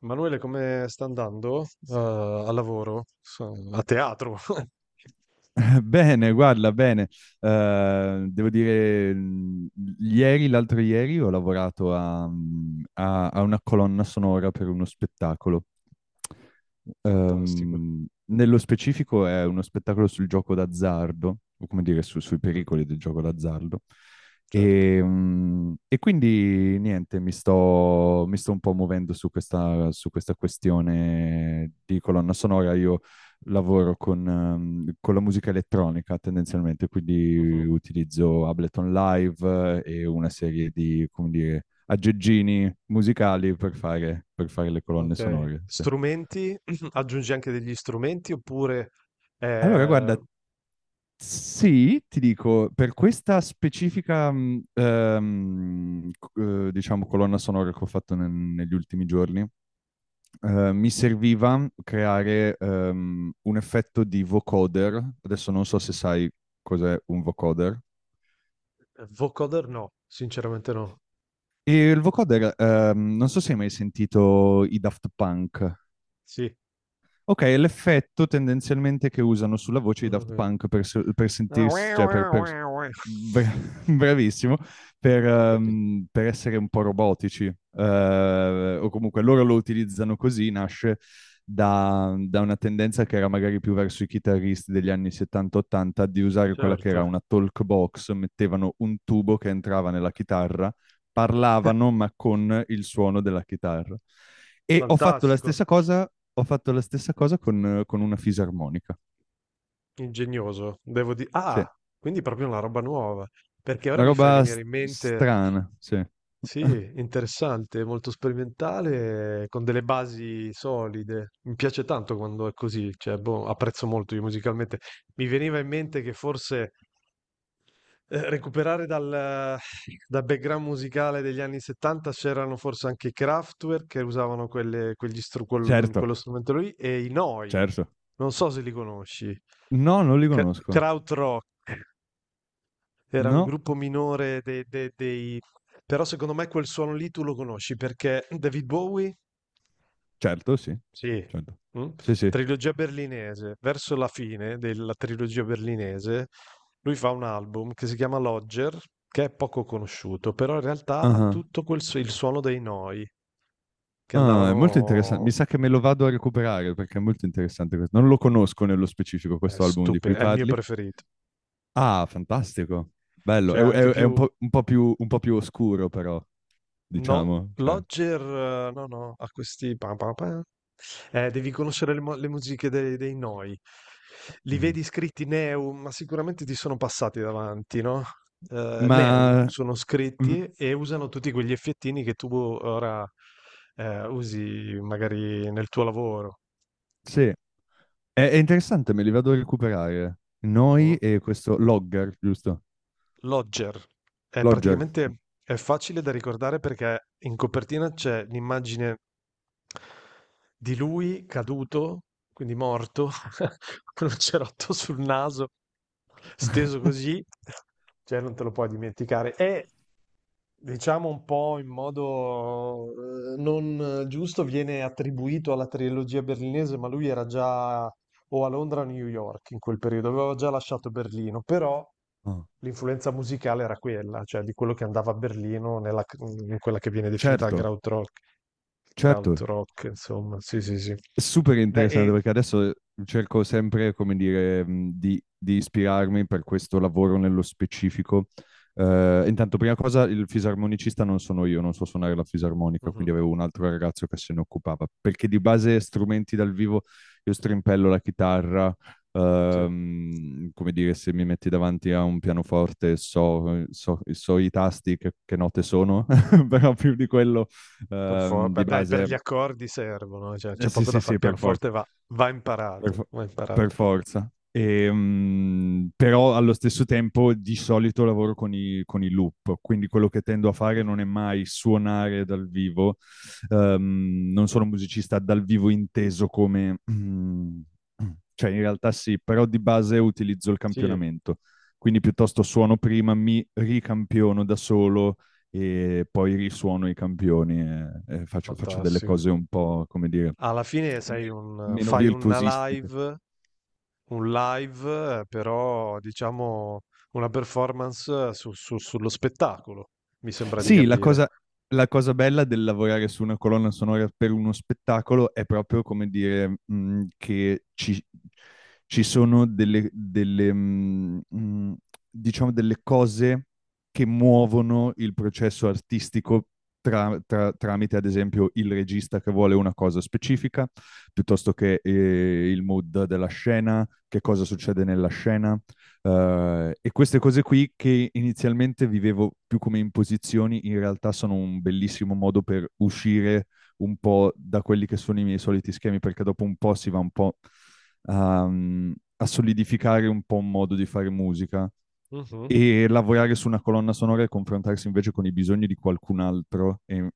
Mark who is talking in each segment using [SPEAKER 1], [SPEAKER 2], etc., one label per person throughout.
[SPEAKER 1] Manuele, come sta andando? Al lavoro? A teatro?
[SPEAKER 2] Bene, guarda, bene. Eh, devo dire, mh, ieri, l'altro ieri, ho lavorato a, a una colonna sonora per uno spettacolo.
[SPEAKER 1] Fantastico.
[SPEAKER 2] Nello specifico è uno spettacolo sul gioco d'azzardo, o come dire, sui
[SPEAKER 1] Mhm.
[SPEAKER 2] pericoli del gioco d'azzardo.
[SPEAKER 1] Certo.
[SPEAKER 2] E quindi niente, mi sto un po' muovendo su su questa questione di colonna sonora. Io lavoro con la musica elettronica tendenzialmente,
[SPEAKER 1] Mhm.
[SPEAKER 2] quindi utilizzo Ableton Live e una serie di, come dire, aggeggini musicali per fare le colonne
[SPEAKER 1] Ok.
[SPEAKER 2] sonore. Sì.
[SPEAKER 1] Strumenti? Aggiungi anche degli strumenti oppure
[SPEAKER 2] Allora,
[SPEAKER 1] eh,
[SPEAKER 2] guarda, sì, ti dico, per questa specifica, diciamo, colonna sonora che ho fatto negli ultimi giorni, mi serviva creare un effetto di vocoder. Adesso non so se sai cos'è un vocoder.
[SPEAKER 1] vocoder? No, sinceramente no.
[SPEAKER 2] E il vocoder, non so se hai mai sentito i Daft Punk.
[SPEAKER 1] Sì.
[SPEAKER 2] Ok, è l'effetto tendenzialmente che usano sulla voce i Daft
[SPEAKER 1] Mhm.
[SPEAKER 2] Punk per, se- per
[SPEAKER 1] Ah, ue,
[SPEAKER 2] sentirsi,
[SPEAKER 1] ue, ue, ue.
[SPEAKER 2] bra- bravissimo,
[SPEAKER 1] Ho capito.
[SPEAKER 2] per essere un po' robotici. O comunque loro lo utilizzano così, nasce da una tendenza che era magari più verso i chitarristi degli anni 70-80 di usare quella che
[SPEAKER 1] Certo.
[SPEAKER 2] era una talk box, mettevano un tubo che entrava nella chitarra, parlavano ma con il suono della chitarra. E ho fatto la
[SPEAKER 1] Fantastico.
[SPEAKER 2] stessa cosa, ho fatto la stessa cosa con una fisarmonica.
[SPEAKER 1] Ingegnoso. Devo dire.
[SPEAKER 2] Sì.
[SPEAKER 1] Ah, quindi proprio una roba nuova. Perché ora
[SPEAKER 2] Una
[SPEAKER 1] mi fai
[SPEAKER 2] roba
[SPEAKER 1] venire in mente.
[SPEAKER 2] strana, sì.
[SPEAKER 1] Sì, interessante, molto sperimentale, con delle basi solide. Mi piace tanto quando è così, cioè, boh, apprezzo molto io musicalmente. Mi veniva in mente che forse recuperare dal background musicale degli anni 70 c'erano forse anche i Kraftwerk che usavano
[SPEAKER 2] Certo,
[SPEAKER 1] quello strumento lì e i Noi,
[SPEAKER 2] certo.
[SPEAKER 1] non so se li conosci.
[SPEAKER 2] No, non li conosco.
[SPEAKER 1] Krautrock era un
[SPEAKER 2] No,
[SPEAKER 1] gruppo minore dei. Però secondo me quel suono lì tu lo conosci perché David Bowie,
[SPEAKER 2] certo, sì.
[SPEAKER 1] sì,
[SPEAKER 2] Certo.
[SPEAKER 1] mm,
[SPEAKER 2] Sì, sì.
[SPEAKER 1] trilogia berlinese, verso la fine della trilogia berlinese, lui fa un album che si chiama Lodger, che è poco conosciuto, però in realtà ha
[SPEAKER 2] Ah,
[SPEAKER 1] tutto il suono dei Noi, che
[SPEAKER 2] ah, è molto interessante.
[SPEAKER 1] andavano.
[SPEAKER 2] Mi sa che me lo vado a recuperare perché è molto interessante questo. Non lo conosco nello specifico
[SPEAKER 1] È
[SPEAKER 2] questo album di cui
[SPEAKER 1] stupido, è il mio
[SPEAKER 2] parli.
[SPEAKER 1] preferito.
[SPEAKER 2] Ah, fantastico. Bello.
[SPEAKER 1] Cioè anche
[SPEAKER 2] È
[SPEAKER 1] più.
[SPEAKER 2] un po' più oscuro, però.
[SPEAKER 1] No,
[SPEAKER 2] Diciamo. Cioè.
[SPEAKER 1] Lodger, no, no, ha questi pam, pam, pam. Devi conoscere le musiche dei Noi. Li
[SPEAKER 2] Mhm.
[SPEAKER 1] vedi scritti Neu, ma sicuramente ti sono passati davanti, no?
[SPEAKER 2] Ma
[SPEAKER 1] Neu sono
[SPEAKER 2] mm,
[SPEAKER 1] scritti e usano tutti quegli effettini che tu ora usi magari nel tuo lavoro.
[SPEAKER 2] sì, è interessante, me li vado a recuperare.
[SPEAKER 1] Mhm.
[SPEAKER 2] Noi e questo Logger, giusto?
[SPEAKER 1] Lodger. È
[SPEAKER 2] Logger.
[SPEAKER 1] facile da ricordare perché in copertina c'è l'immagine di lui caduto, quindi morto, con un cerotto sul naso, steso così, cioè non te lo puoi dimenticare. E diciamo un po' in modo non giusto viene attribuito alla trilogia berlinese, ma lui era già o a Londra o a New York in quel periodo, aveva già lasciato Berlino, però
[SPEAKER 2] Oh,
[SPEAKER 1] l'influenza musicale era quella, cioè di quello che andava a Berlino in quella che viene definita la
[SPEAKER 2] certo,
[SPEAKER 1] Krautrock,
[SPEAKER 2] certo.
[SPEAKER 1] Krautrock, insomma, sì, sì, sì.
[SPEAKER 2] Super
[SPEAKER 1] Beh,
[SPEAKER 2] interessante
[SPEAKER 1] e
[SPEAKER 2] perché adesso cerco sempre, come dire, di ispirarmi per questo lavoro nello specifico. Intanto, prima cosa, il fisarmonicista non sono io, non so suonare la fisarmonica,
[SPEAKER 1] mh-mh,
[SPEAKER 2] quindi avevo un altro ragazzo che se ne occupava, perché di base strumenti dal vivo io strimpello la chitarra,
[SPEAKER 1] sì,
[SPEAKER 2] come dire, se mi metti davanti a un pianoforte so i tasti, che note sono, però più di quello,
[SPEAKER 1] per for beh,
[SPEAKER 2] di
[SPEAKER 1] dai, per
[SPEAKER 2] base...
[SPEAKER 1] gli accordi servono, cioè c'è
[SPEAKER 2] sì,
[SPEAKER 1] poco da
[SPEAKER 2] sì,
[SPEAKER 1] fare. Il
[SPEAKER 2] sì, per forza.
[SPEAKER 1] pianoforte va
[SPEAKER 2] Per,
[SPEAKER 1] imparato,
[SPEAKER 2] fo-
[SPEAKER 1] va
[SPEAKER 2] per
[SPEAKER 1] imparato.
[SPEAKER 2] forza. Però allo stesso tempo di solito lavoro con i loop, quindi quello che tendo a fare
[SPEAKER 1] Mh-mh.
[SPEAKER 2] non è mai suonare dal vivo. Non sono un musicista dal vivo inteso come... cioè in realtà sì, però di base utilizzo il
[SPEAKER 1] Sì,
[SPEAKER 2] campionamento. Quindi piuttosto suono prima, mi ricampiono da solo e poi risuono i campioni e, faccio delle
[SPEAKER 1] fantastico.
[SPEAKER 2] cose un po', come dire,
[SPEAKER 1] Alla fine sei
[SPEAKER 2] me-
[SPEAKER 1] un
[SPEAKER 2] meno
[SPEAKER 1] fai una
[SPEAKER 2] virtuosistiche.
[SPEAKER 1] live un live, però diciamo una performance, su su sullo spettacolo, mi sembra di
[SPEAKER 2] Sì, la
[SPEAKER 1] capire.
[SPEAKER 2] cosa, la cosa bella del lavorare su una colonna sonora per uno spettacolo è proprio come dire, ci sono delle, diciamo delle cose che muovono il processo artistico tramite, ad esempio, il regista che vuole una cosa specifica, piuttosto che il mood della scena, che cosa succede nella scena, e queste cose qui che inizialmente vivevo più come imposizioni, in realtà sono un bellissimo modo per uscire un po' da quelli che sono i miei soliti schemi, perché dopo un po' si va un po' a solidificare un po' un modo di fare musica
[SPEAKER 1] Mh-mh.
[SPEAKER 2] e lavorare su una colonna sonora e confrontarsi invece con i bisogni di qualcun altro.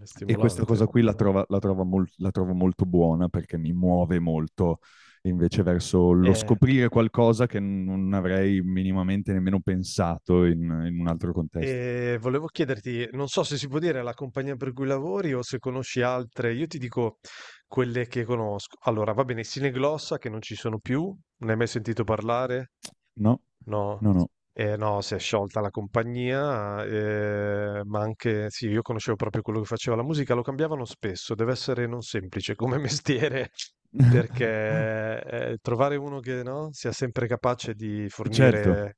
[SPEAKER 1] È
[SPEAKER 2] E questa
[SPEAKER 1] stimolante.
[SPEAKER 2] cosa qui la trovo molto buona perché mi muove molto invece verso lo
[SPEAKER 1] Eh
[SPEAKER 2] scoprire qualcosa che non avrei minimamente nemmeno pensato in un altro contesto.
[SPEAKER 1] E volevo chiederti, non so se si può dire la compagnia per cui lavori o se conosci altre. Io ti dico quelle che conosco. Allora, va bene, Sineglossa che non ci sono più, ne hai mai sentito parlare?
[SPEAKER 2] No,
[SPEAKER 1] No,
[SPEAKER 2] no, no.
[SPEAKER 1] no, si è sciolta la compagnia, ma anche, sì, io conoscevo proprio quello che faceva la musica, lo cambiavano spesso, deve essere non semplice come mestiere, perché trovare uno che no, sia sempre capace di
[SPEAKER 2] Certo,
[SPEAKER 1] fornire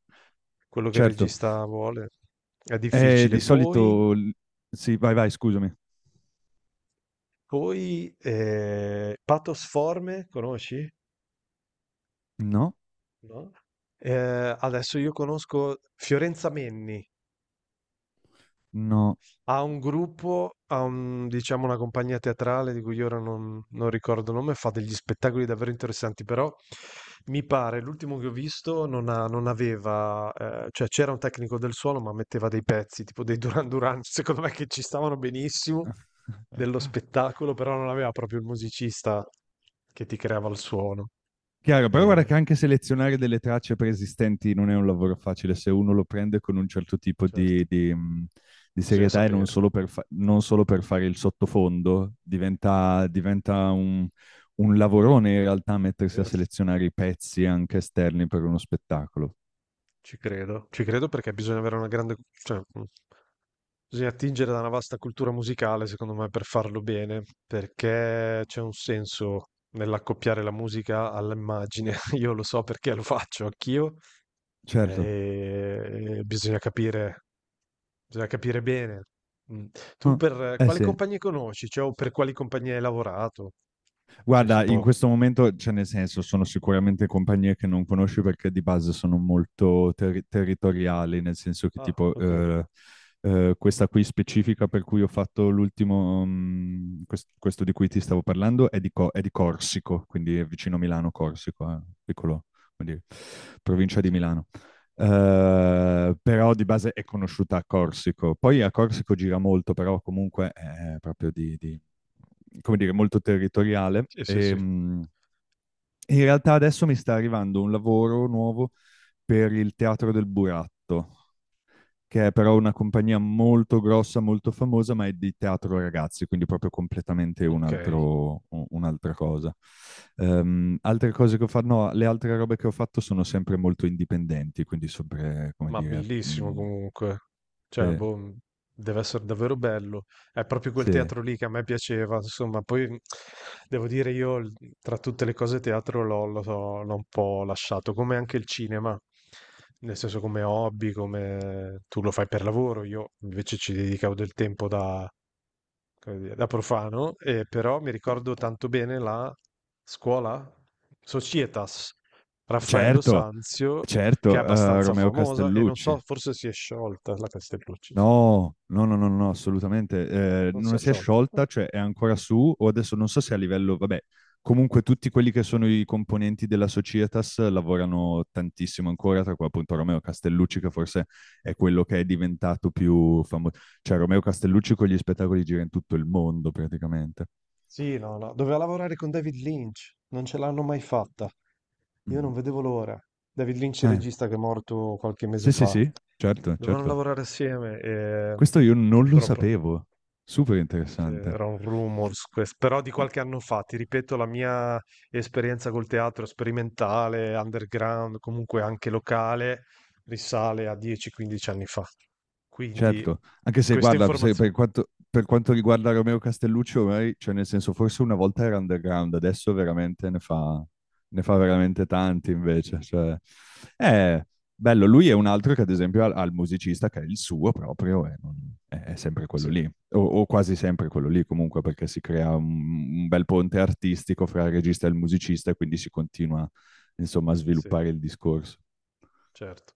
[SPEAKER 1] quello che il
[SPEAKER 2] certo.
[SPEAKER 1] regista vuole è difficile.
[SPEAKER 2] Di
[SPEAKER 1] Poi,
[SPEAKER 2] solito... Sì, vai, vai, scusami.
[SPEAKER 1] Pathos Forme, conosci?
[SPEAKER 2] No,
[SPEAKER 1] No? Eh, Adesso io conosco Fiorenza Menni,
[SPEAKER 2] no.
[SPEAKER 1] ha un gruppo, diciamo una compagnia teatrale di cui ora non ricordo il nome, fa degli spettacoli davvero interessanti, però mi pare, l'ultimo che ho visto non aveva, cioè c'era un tecnico del suono ma metteva dei pezzi, tipo dei Duran Duran, secondo me che ci stavano benissimo dello spettacolo, però non aveva proprio il musicista che ti creava il suono.
[SPEAKER 2] Chiaro, però guarda
[SPEAKER 1] Eh,
[SPEAKER 2] che anche selezionare delle tracce preesistenti non è un lavoro facile se uno lo prende con un certo tipo
[SPEAKER 1] certo,
[SPEAKER 2] di
[SPEAKER 1] bisogna
[SPEAKER 2] serietà e non
[SPEAKER 1] sapere.
[SPEAKER 2] solo non solo per fare il sottofondo, diventa un lavorone in realtà mettersi a
[SPEAKER 1] Vero?
[SPEAKER 2] selezionare i pezzi anche esterni per uno spettacolo.
[SPEAKER 1] Ci credo perché bisogna avere una grande, cioè, bisogna attingere da una vasta cultura musicale, secondo me, per farlo bene, perché c'è un senso nell'accoppiare la musica all'immagine. Io lo so perché lo faccio anch'io,
[SPEAKER 2] Certo.
[SPEAKER 1] e bisogna capire bene. Mm. Tu
[SPEAKER 2] Ah,
[SPEAKER 1] per
[SPEAKER 2] eh
[SPEAKER 1] quali
[SPEAKER 2] sì.
[SPEAKER 1] compagnie conosci? Cioè, o per quali compagnie hai lavorato? Se si
[SPEAKER 2] Guarda, in
[SPEAKER 1] può.
[SPEAKER 2] questo momento, cioè nel senso, sono sicuramente compagnie che non conosci perché di base sono molto territoriali, nel senso che
[SPEAKER 1] Ah,
[SPEAKER 2] tipo
[SPEAKER 1] ok.
[SPEAKER 2] questa qui specifica per cui ho fatto l'ultimo, questo di cui ti stavo parlando, è di Corsico, quindi è vicino a Milano, Corsico, piccolo, come dire, provincia di Milano. Però di base è conosciuta a Corsico. Poi a Corsico gira molto, però comunque è proprio come dire, molto territoriale.
[SPEAKER 1] Sì, sì, sì.
[SPEAKER 2] In realtà adesso mi sta arrivando un lavoro nuovo per il Teatro del Buratto, che è però una compagnia molto grossa, molto famosa, ma è di teatro ragazzi, quindi proprio completamente un
[SPEAKER 1] Ok.
[SPEAKER 2] altro, un'altra cosa. Altre cose che ho fatto, no, le altre robe che ho fatto sono sempre molto indipendenti, quindi sempre, come
[SPEAKER 1] Ma
[SPEAKER 2] dire,
[SPEAKER 1] bellissimo comunque. Cioè,
[SPEAKER 2] sì,
[SPEAKER 1] boh, deve essere davvero bello. È proprio quel
[SPEAKER 2] sì.
[SPEAKER 1] teatro lì che a me piaceva, insomma, poi devo dire tra tutte le cose teatro l'ho un po' lasciato, come anche il cinema. Nel senso come hobby, come tu lo fai per lavoro, io invece ci dedicavo del tempo da come dire, da profano, però mi ricordo tanto bene la scuola Societas Raffaello
[SPEAKER 2] Certo,
[SPEAKER 1] Sanzio, che è
[SPEAKER 2] certo,
[SPEAKER 1] abbastanza
[SPEAKER 2] Romeo
[SPEAKER 1] famosa e non so,
[SPEAKER 2] Castellucci.
[SPEAKER 1] forse si è sciolta la Castellucci, sì.
[SPEAKER 2] No, no, no, no, no, assolutamente.
[SPEAKER 1] Non si è
[SPEAKER 2] Non si è
[SPEAKER 1] sciolta. Ah.
[SPEAKER 2] sciolta, cioè è ancora su, o adesso non so se a livello, vabbè, comunque tutti quelli che sono i componenti della Societas lavorano tantissimo ancora, tra cui appunto Romeo Castellucci, che forse è quello che è diventato più famoso. Cioè Romeo Castellucci con gli spettacoli gira in tutto il mondo praticamente.
[SPEAKER 1] Sì, no, no, doveva lavorare con David Lynch, non ce l'hanno mai fatta. Io
[SPEAKER 2] Mm.
[SPEAKER 1] non vedevo l'ora. David Lynch, il
[SPEAKER 2] Eh,
[SPEAKER 1] regista che è morto qualche mese
[SPEAKER 2] sì, sì,
[SPEAKER 1] fa.
[SPEAKER 2] sì, certo,
[SPEAKER 1] Dovevano
[SPEAKER 2] certo.
[SPEAKER 1] lavorare assieme e
[SPEAKER 2] Questo io non lo
[SPEAKER 1] purtroppo
[SPEAKER 2] sapevo. Super interessante.
[SPEAKER 1] c'erano rumors, però di qualche anno fa, ti ripeto, la mia esperienza col teatro sperimentale, underground, comunque anche locale, risale a 10-15 anni fa. Quindi
[SPEAKER 2] Certo, anche se
[SPEAKER 1] queste
[SPEAKER 2] guarda, se
[SPEAKER 1] informazioni.
[SPEAKER 2] per quanto riguarda Romeo Castellucci, ormai, cioè nel senso, forse una volta era underground, adesso veramente ne fa veramente tanti invece. Cioè, è bello, lui è un altro che ad esempio ha il musicista che è il suo proprio, è sempre quello
[SPEAKER 1] Sì,
[SPEAKER 2] lì, o quasi sempre quello lì comunque, perché si crea un bel ponte artistico fra il regista e il musicista e quindi si continua, insomma, a
[SPEAKER 1] sì,
[SPEAKER 2] sviluppare il discorso.
[SPEAKER 1] certo.